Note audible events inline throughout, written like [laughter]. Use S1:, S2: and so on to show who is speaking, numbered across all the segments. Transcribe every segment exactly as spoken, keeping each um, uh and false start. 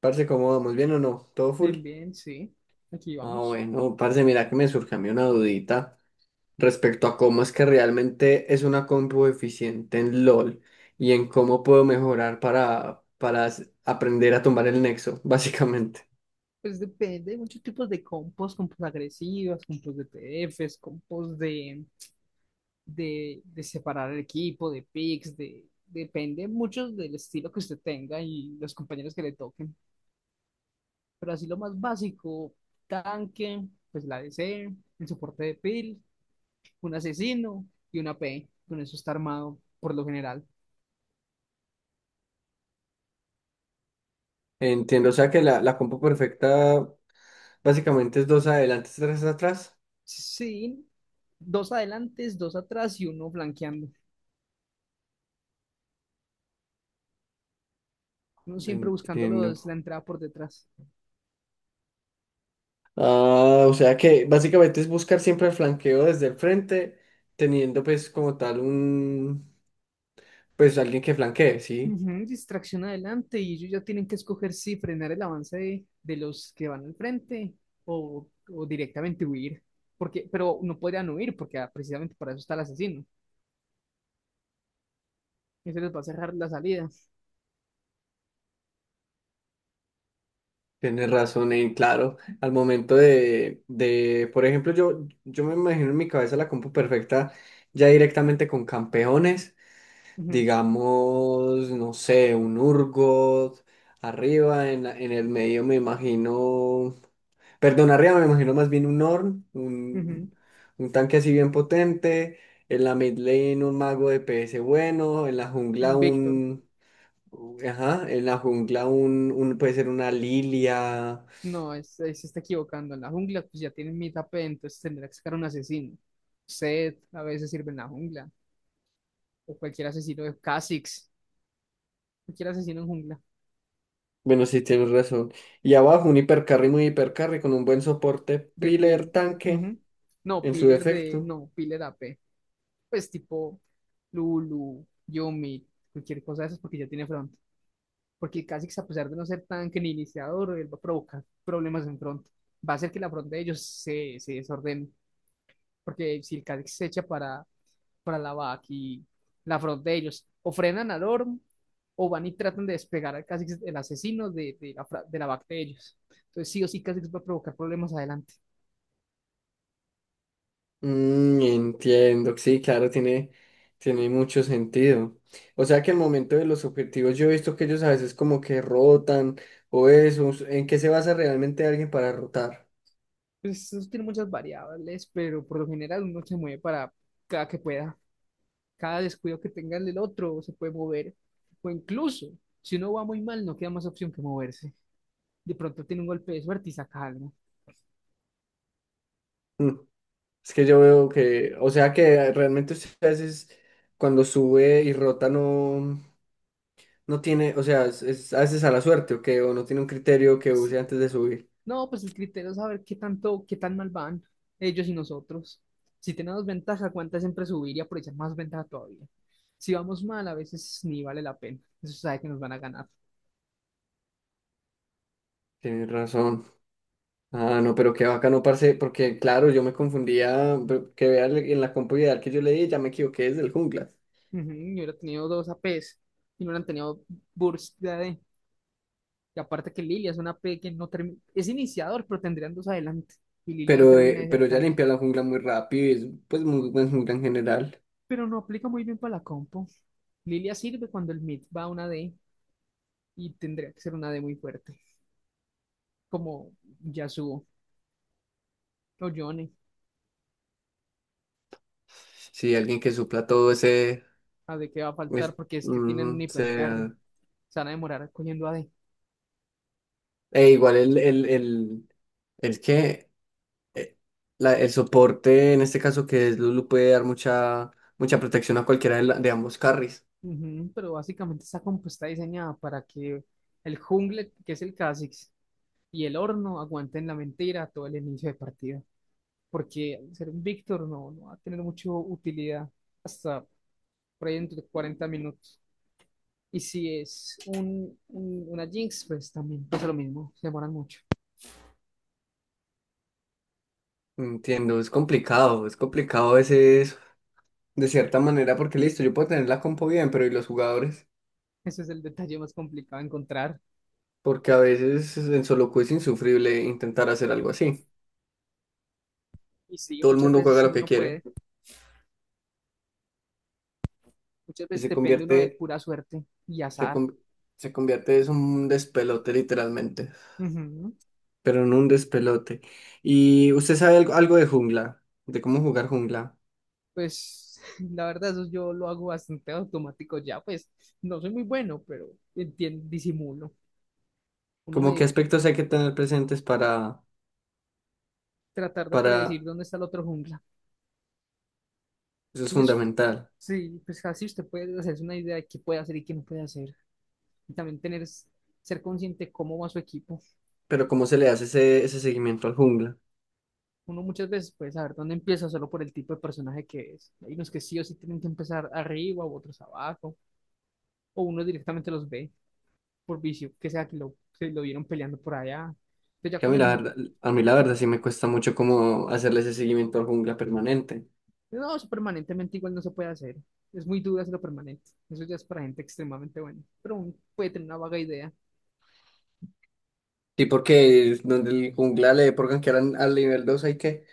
S1: Parce, ¿cómo vamos? ¿Bien o no? ¿Todo full?
S2: Bien, bien, sí. Aquí
S1: Ah,
S2: vamos.
S1: bueno, parce, mira que me surge a mí una dudita respecto a cómo es que realmente es una compu eficiente en LOL y en cómo puedo mejorar para, para s- aprender a tumbar el nexo, [laughs] básicamente.
S2: Pues depende, hay muchos tipos de compost, compost agresivas, compost de P D F s, compost de, de, de separar el equipo, de picks, de, depende mucho del estilo que usted tenga y los compañeros que le toquen. Pero así lo más básico, tanque, pues la D C, el soporte de pil, un asesino y una P. E. Con eso está armado por lo general.
S1: Entiendo, o sea que la, la compu perfecta básicamente es dos adelante, tres atrás.
S2: Sí, dos adelantes, dos atrás y uno flanqueando. Uno siempre buscándolos
S1: Entiendo.
S2: la entrada por detrás.
S1: Ah, o sea que básicamente es buscar siempre el flanqueo desde el frente, teniendo pues como tal un, pues alguien que flanquee, ¿sí?
S2: Ujú, distracción adelante y ellos ya tienen que escoger si frenar el avance de, de los que van al frente o, o directamente huir. Porque, pero no podrían huir porque ah, precisamente para eso está el asesino. Ese les va a cerrar la salida.
S1: Tienes razón, eh, claro, al momento de, de, por ejemplo, yo, yo me imagino en mi cabeza la compu perfecta ya directamente con campeones,
S2: Ujú,
S1: digamos, no sé, un Urgot, arriba, en, la- en el medio me imagino, perdón, arriba me imagino más bien un Ornn,
S2: ujú.
S1: un, un tanque así bien potente, en la mid lane un mago de P S bueno, en la jungla
S2: Un Víctor.
S1: un, ajá, en la jungla un, un puede ser una Lilia.
S2: No, es, es- se está equivocando. En la jungla pues ya tienen mitad P, entonces tendrá que sacar un asesino. Zed a veces sirve en la jungla. O cualquier asesino de Kha'Zix. Cualquier asesino en jungla.
S1: Bueno, sí, tienes razón. Y abajo un hipercarry muy hipercarry con un buen soporte
S2: De
S1: piler
S2: Pil.
S1: tanque
S2: Ujú. No,
S1: en su
S2: pillar de.
S1: defecto.
S2: No, pillar a p. Pues tipo Lulu, yumi, cualquier cosa de esas porque ya tiene front. Porque Kha'Zix, a pesar de no ser tan que ni iniciador, él va a provocar problemas en front. Va a hacer que la front de ellos se, se desordene. Porque si el Kha'Zix se echa para, para la back y la front de ellos, o frenan al Orm, o van y tratan de despegar al Kha'Zix, el asesino de, de la, fra- de la back de ellos. Entonces, sí o sí, Kha'Zix va a provocar problemas adelante.
S1: Mm, entiendo, sí, claro, tiene, tiene mucho sentido. O sea que al momento de los objetivos yo he visto que ellos a veces como que rotan o eso. ¿En qué se basa realmente alguien para rotar?
S2: Pues eso tiene muchas variables, pero por lo general uno se mueve para cada que pueda. Cada descuido que tenga el del otro se puede mover. O incluso, si uno va muy mal, no queda más opción que moverse. De pronto tiene un golpe de suerte y saca algo.
S1: Mm, es que yo veo que, o sea que realmente usted a veces cuando sube y rota no, no tiene, o sea, es, es a veces a la suerte o que o no tiene un criterio que use
S2: Sí.
S1: antes de subir.
S2: No, pues el criterio es saber qué tanto, qué tan mal van ellos y nosotros. Si tenemos ventaja, cuánta siempre subir y aprovechar más ventaja todavía. Si vamos mal, a veces ni vale la pena. Eso sabe que nos van a ganar.
S1: Tienes razón. Ah, no, pero qué bacano, parce, porque claro, yo me confundía, pero que vea en la compu ideal que yo leí, ya me equivoqué desde el jungla.
S2: Ujú, yo hubiera tenido dos A P s y no hubieran tenido burst. Y aparte que Lilia es una P que no termina, es iniciador, pero tendrían dos adelante. Y Lilia no
S1: Pero,
S2: termina
S1: eh,
S2: de ser
S1: pero ya
S2: tanque.
S1: limpia la jungla muy rápido y es pues muy buen jungla en general.
S2: Pero no aplica muy bien para la compo. Lilia sirve cuando el mid va a una D y tendría que ser una D muy fuerte. Como Yasuo o Yone.
S1: Sí, alguien que supla todo ese...
S2: A D que va a faltar
S1: es-
S2: porque es que tienen un
S1: ujú,
S2: hipercarry.
S1: se-
S2: Se van a demorar cogiendo A d.
S1: E igual el, el, el, el que... eh, la- el soporte, en este caso que es Lulu, puede dar mucha, mucha protección a cualquiera de, la- de ambos carries.
S2: Ujú, pero básicamente esta compo está diseñada para que el jungle, que es el Kha'Zix, y el horno aguanten la mentira todo el inicio de partida. Porque ser un Víctor no, no va a tener mucha utilidad hasta por ahí dentro de cuarenta minutos. Y si es un, un- una Jinx, pues también pasa lo mismo, se demoran mucho.
S1: Entiendo, es complicado, es complicado ese de cierta manera, porque listo, yo puedo tener la compo bien, pero ¿y los jugadores?
S2: Ese es el detalle más complicado de encontrar.
S1: Porque a veces en solo queue es insufrible intentar hacer algo así.
S2: Y sí,
S1: Todo el
S2: muchas
S1: mundo
S2: veces
S1: juega lo
S2: uno
S1: que
S2: no puede,
S1: quiere
S2: muchas
S1: y
S2: veces
S1: se
S2: depende uno de
S1: convierte,
S2: pura suerte y
S1: se,
S2: azar.
S1: con- se convierte es un despelote literalmente,
S2: Ujú.
S1: pero en un despelote. ¿Y usted sabe algo, algo de jungla? ¿De cómo jugar jungla?
S2: Pues [laughs] la verdad, eso yo lo hago bastante automático ya, pues no soy muy bueno, pero entien- disimulo. Uno
S1: ¿Como qué
S2: medio
S1: aspectos hay que tener presentes para,
S2: tratar de predecir
S1: para,
S2: dónde está el otro jungla.
S1: eso es
S2: Y es,
S1: fundamental,
S2: sí, pues así usted puede hacerse una idea de qué puede hacer y qué no puede hacer. Y también tener, ser consciente cómo va su equipo.
S1: pero cómo se le hace ese, ese seguimiento al jungla?
S2: Uno muchas veces puede saber dónde empieza solo por el tipo de personaje que es. Hay unos que sí o sí tienen que empezar arriba, u otros abajo, o uno directamente los ve por vicio, que sea que lo, se lo vieron peleando por allá. Pero ya
S1: Que a mí
S2: con
S1: la
S2: eso no,
S1: verdad, a mí la verdad sí me cuesta mucho como hacerle ese seguimiento al jungla permanente.
S2: no, eso permanentemente igual no se puede hacer. Es muy duro hacerlo permanente. Eso ya es para gente extremadamente buena. Pero uno puede tener una vaga idea.
S1: Sí, porque es donde el jungla le pongan que eran al nivel dos hay que.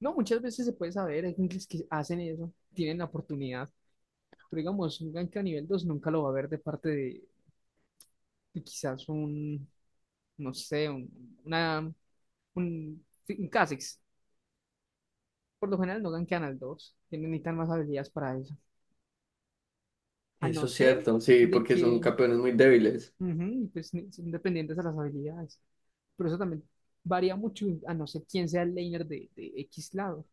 S2: No, muchas veces se puede saber, hay gente que hacen eso, tienen la oportunidad, pero digamos, un gank a nivel dos nunca lo va a ver de parte de, de quizás un, no sé, un, una, un, sí, un Kha'Zix. Por lo general no gankean al dos, tienen necesitan más habilidades para eso. A no
S1: Eso es
S2: ser
S1: cierto, sí,
S2: de
S1: porque son
S2: que,
S1: campeones muy débiles.
S2: ujú, pues, ni- son dependientes de las habilidades. Pero eso también varía mucho a no ser quién sea el laner de, de X lado,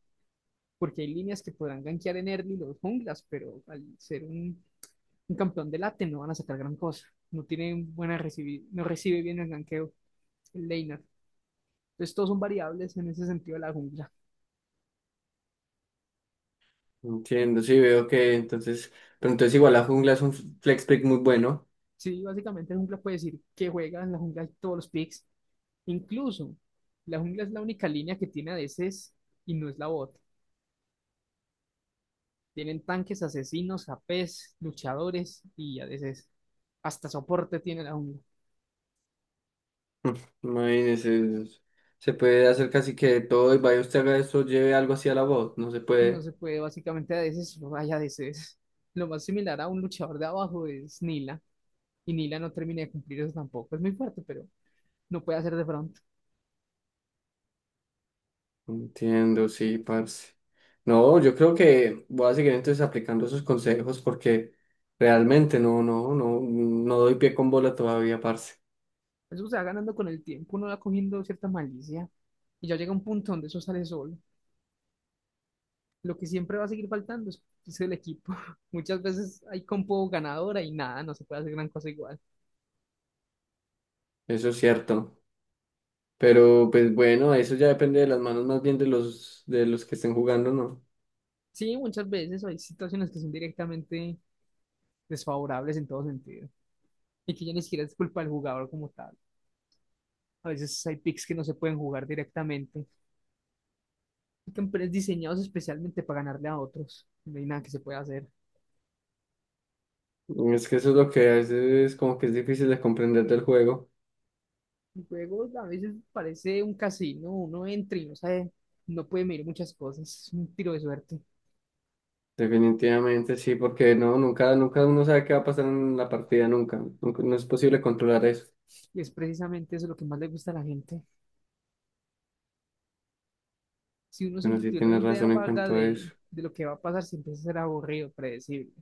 S2: porque hay líneas que podrán gankear en early los junglas, pero al ser un un campeón de late no van a sacar gran cosa. No tiene buena recibir no recibe bien el ganqueo, el laner. Entonces todos son variables en ese sentido de la jungla.
S1: Entiendo, sí, veo que entonces. Pero entonces igual la jungla es un flex pick muy bueno.
S2: Sí, básicamente la jungla puede decir que juega en la jungla todos los picks. Incluso la jungla es la única línea que tiene a veces y no es la bot. Tienen tanques, asesinos, A P s, luchadores y a veces hasta soporte tiene la jungla.
S1: [laughs] Mm, Imagínese, es- se puede hacer casi que de todo y vaya usted haga eso, lleve algo así a la voz, no se
S2: No
S1: puede.
S2: se puede básicamente a veces, no hay a veces. Lo más similar a un luchador de abajo es Nila. Y Nila no termina de cumplir eso tampoco. Es muy fuerte, pero no puede hacer de front.
S1: Entiendo, sí, parce. No, yo creo que voy a seguir entonces aplicando esos consejos porque realmente no, no, no, no doy pie con bola todavía, parce.
S2: Eso se va ganando con el tiempo, uno va cogiendo cierta malicia. Y ya llega un punto donde eso sale solo. Lo que siempre va a seguir faltando es, es el equipo. [laughs] Muchas veces hay compo ganadora y nada, no se puede hacer gran cosa igual.
S1: Eso es cierto. Pero pues bueno, eso ya depende de las manos más bien de los, de los que estén jugando, ¿no?
S2: Sí, muchas veces hay situaciones que son directamente desfavorables en todo sentido. Y que ya ni siquiera es culpa del jugador como tal. A veces hay picks que no se pueden jugar directamente. Hay campeones diseñados especialmente para ganarle a otros. No hay nada que se pueda hacer.
S1: Es que eso es lo que a veces es como que es difícil de comprender del juego.
S2: El juego a veces parece un casino, uno entra y no sabe, no puede medir muchas cosas, es un tiro de suerte.
S1: Definitivamente sí, porque no, nunca, nunca uno sabe qué va a pasar en la partida, nunca. Nunca- no es posible controlar eso.
S2: Y es precisamente eso lo que más le gusta a la gente. Si uno
S1: Bueno,
S2: siempre
S1: sí
S2: tiene una
S1: tienes
S2: idea
S1: razón en
S2: vaga
S1: cuanto a
S2: de,
S1: eso.
S2: de lo que va a pasar, siempre a ser aburrido, predecible.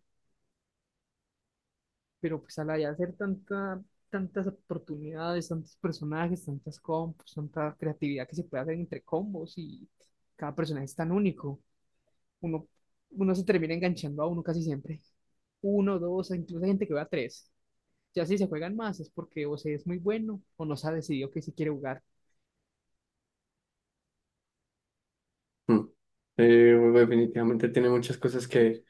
S2: Pero pues al ya hacer tanta, tantas oportunidades, tantos personajes, tantas combos, tanta creatividad que se puede hacer entre combos y cada personaje es tan único, uno, uno se termina enganchando a uno casi siempre. Uno, dos, incluso hay gente que va a tres. Ya si se juegan más es porque o se es muy bueno o no se ha decidido que sí quiere jugar.
S1: Mm. Eh, bueno, definitivamente tiene muchas cosas que,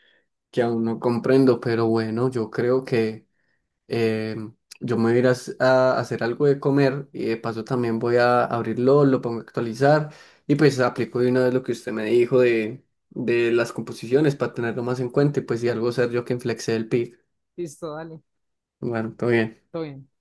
S1: que aún no comprendo, pero bueno, yo creo que eh, yo me voy a ir a, s- a hacer algo de comer y de paso también voy a abrirlo, lo pongo a actualizar y pues aplico de una vez lo que usted me dijo de, de las composiciones para tenerlo más en cuenta y pues si algo ser yo que inflexé el pick.
S2: Listo, dale,
S1: Bueno, todo bien.
S2: todo bien.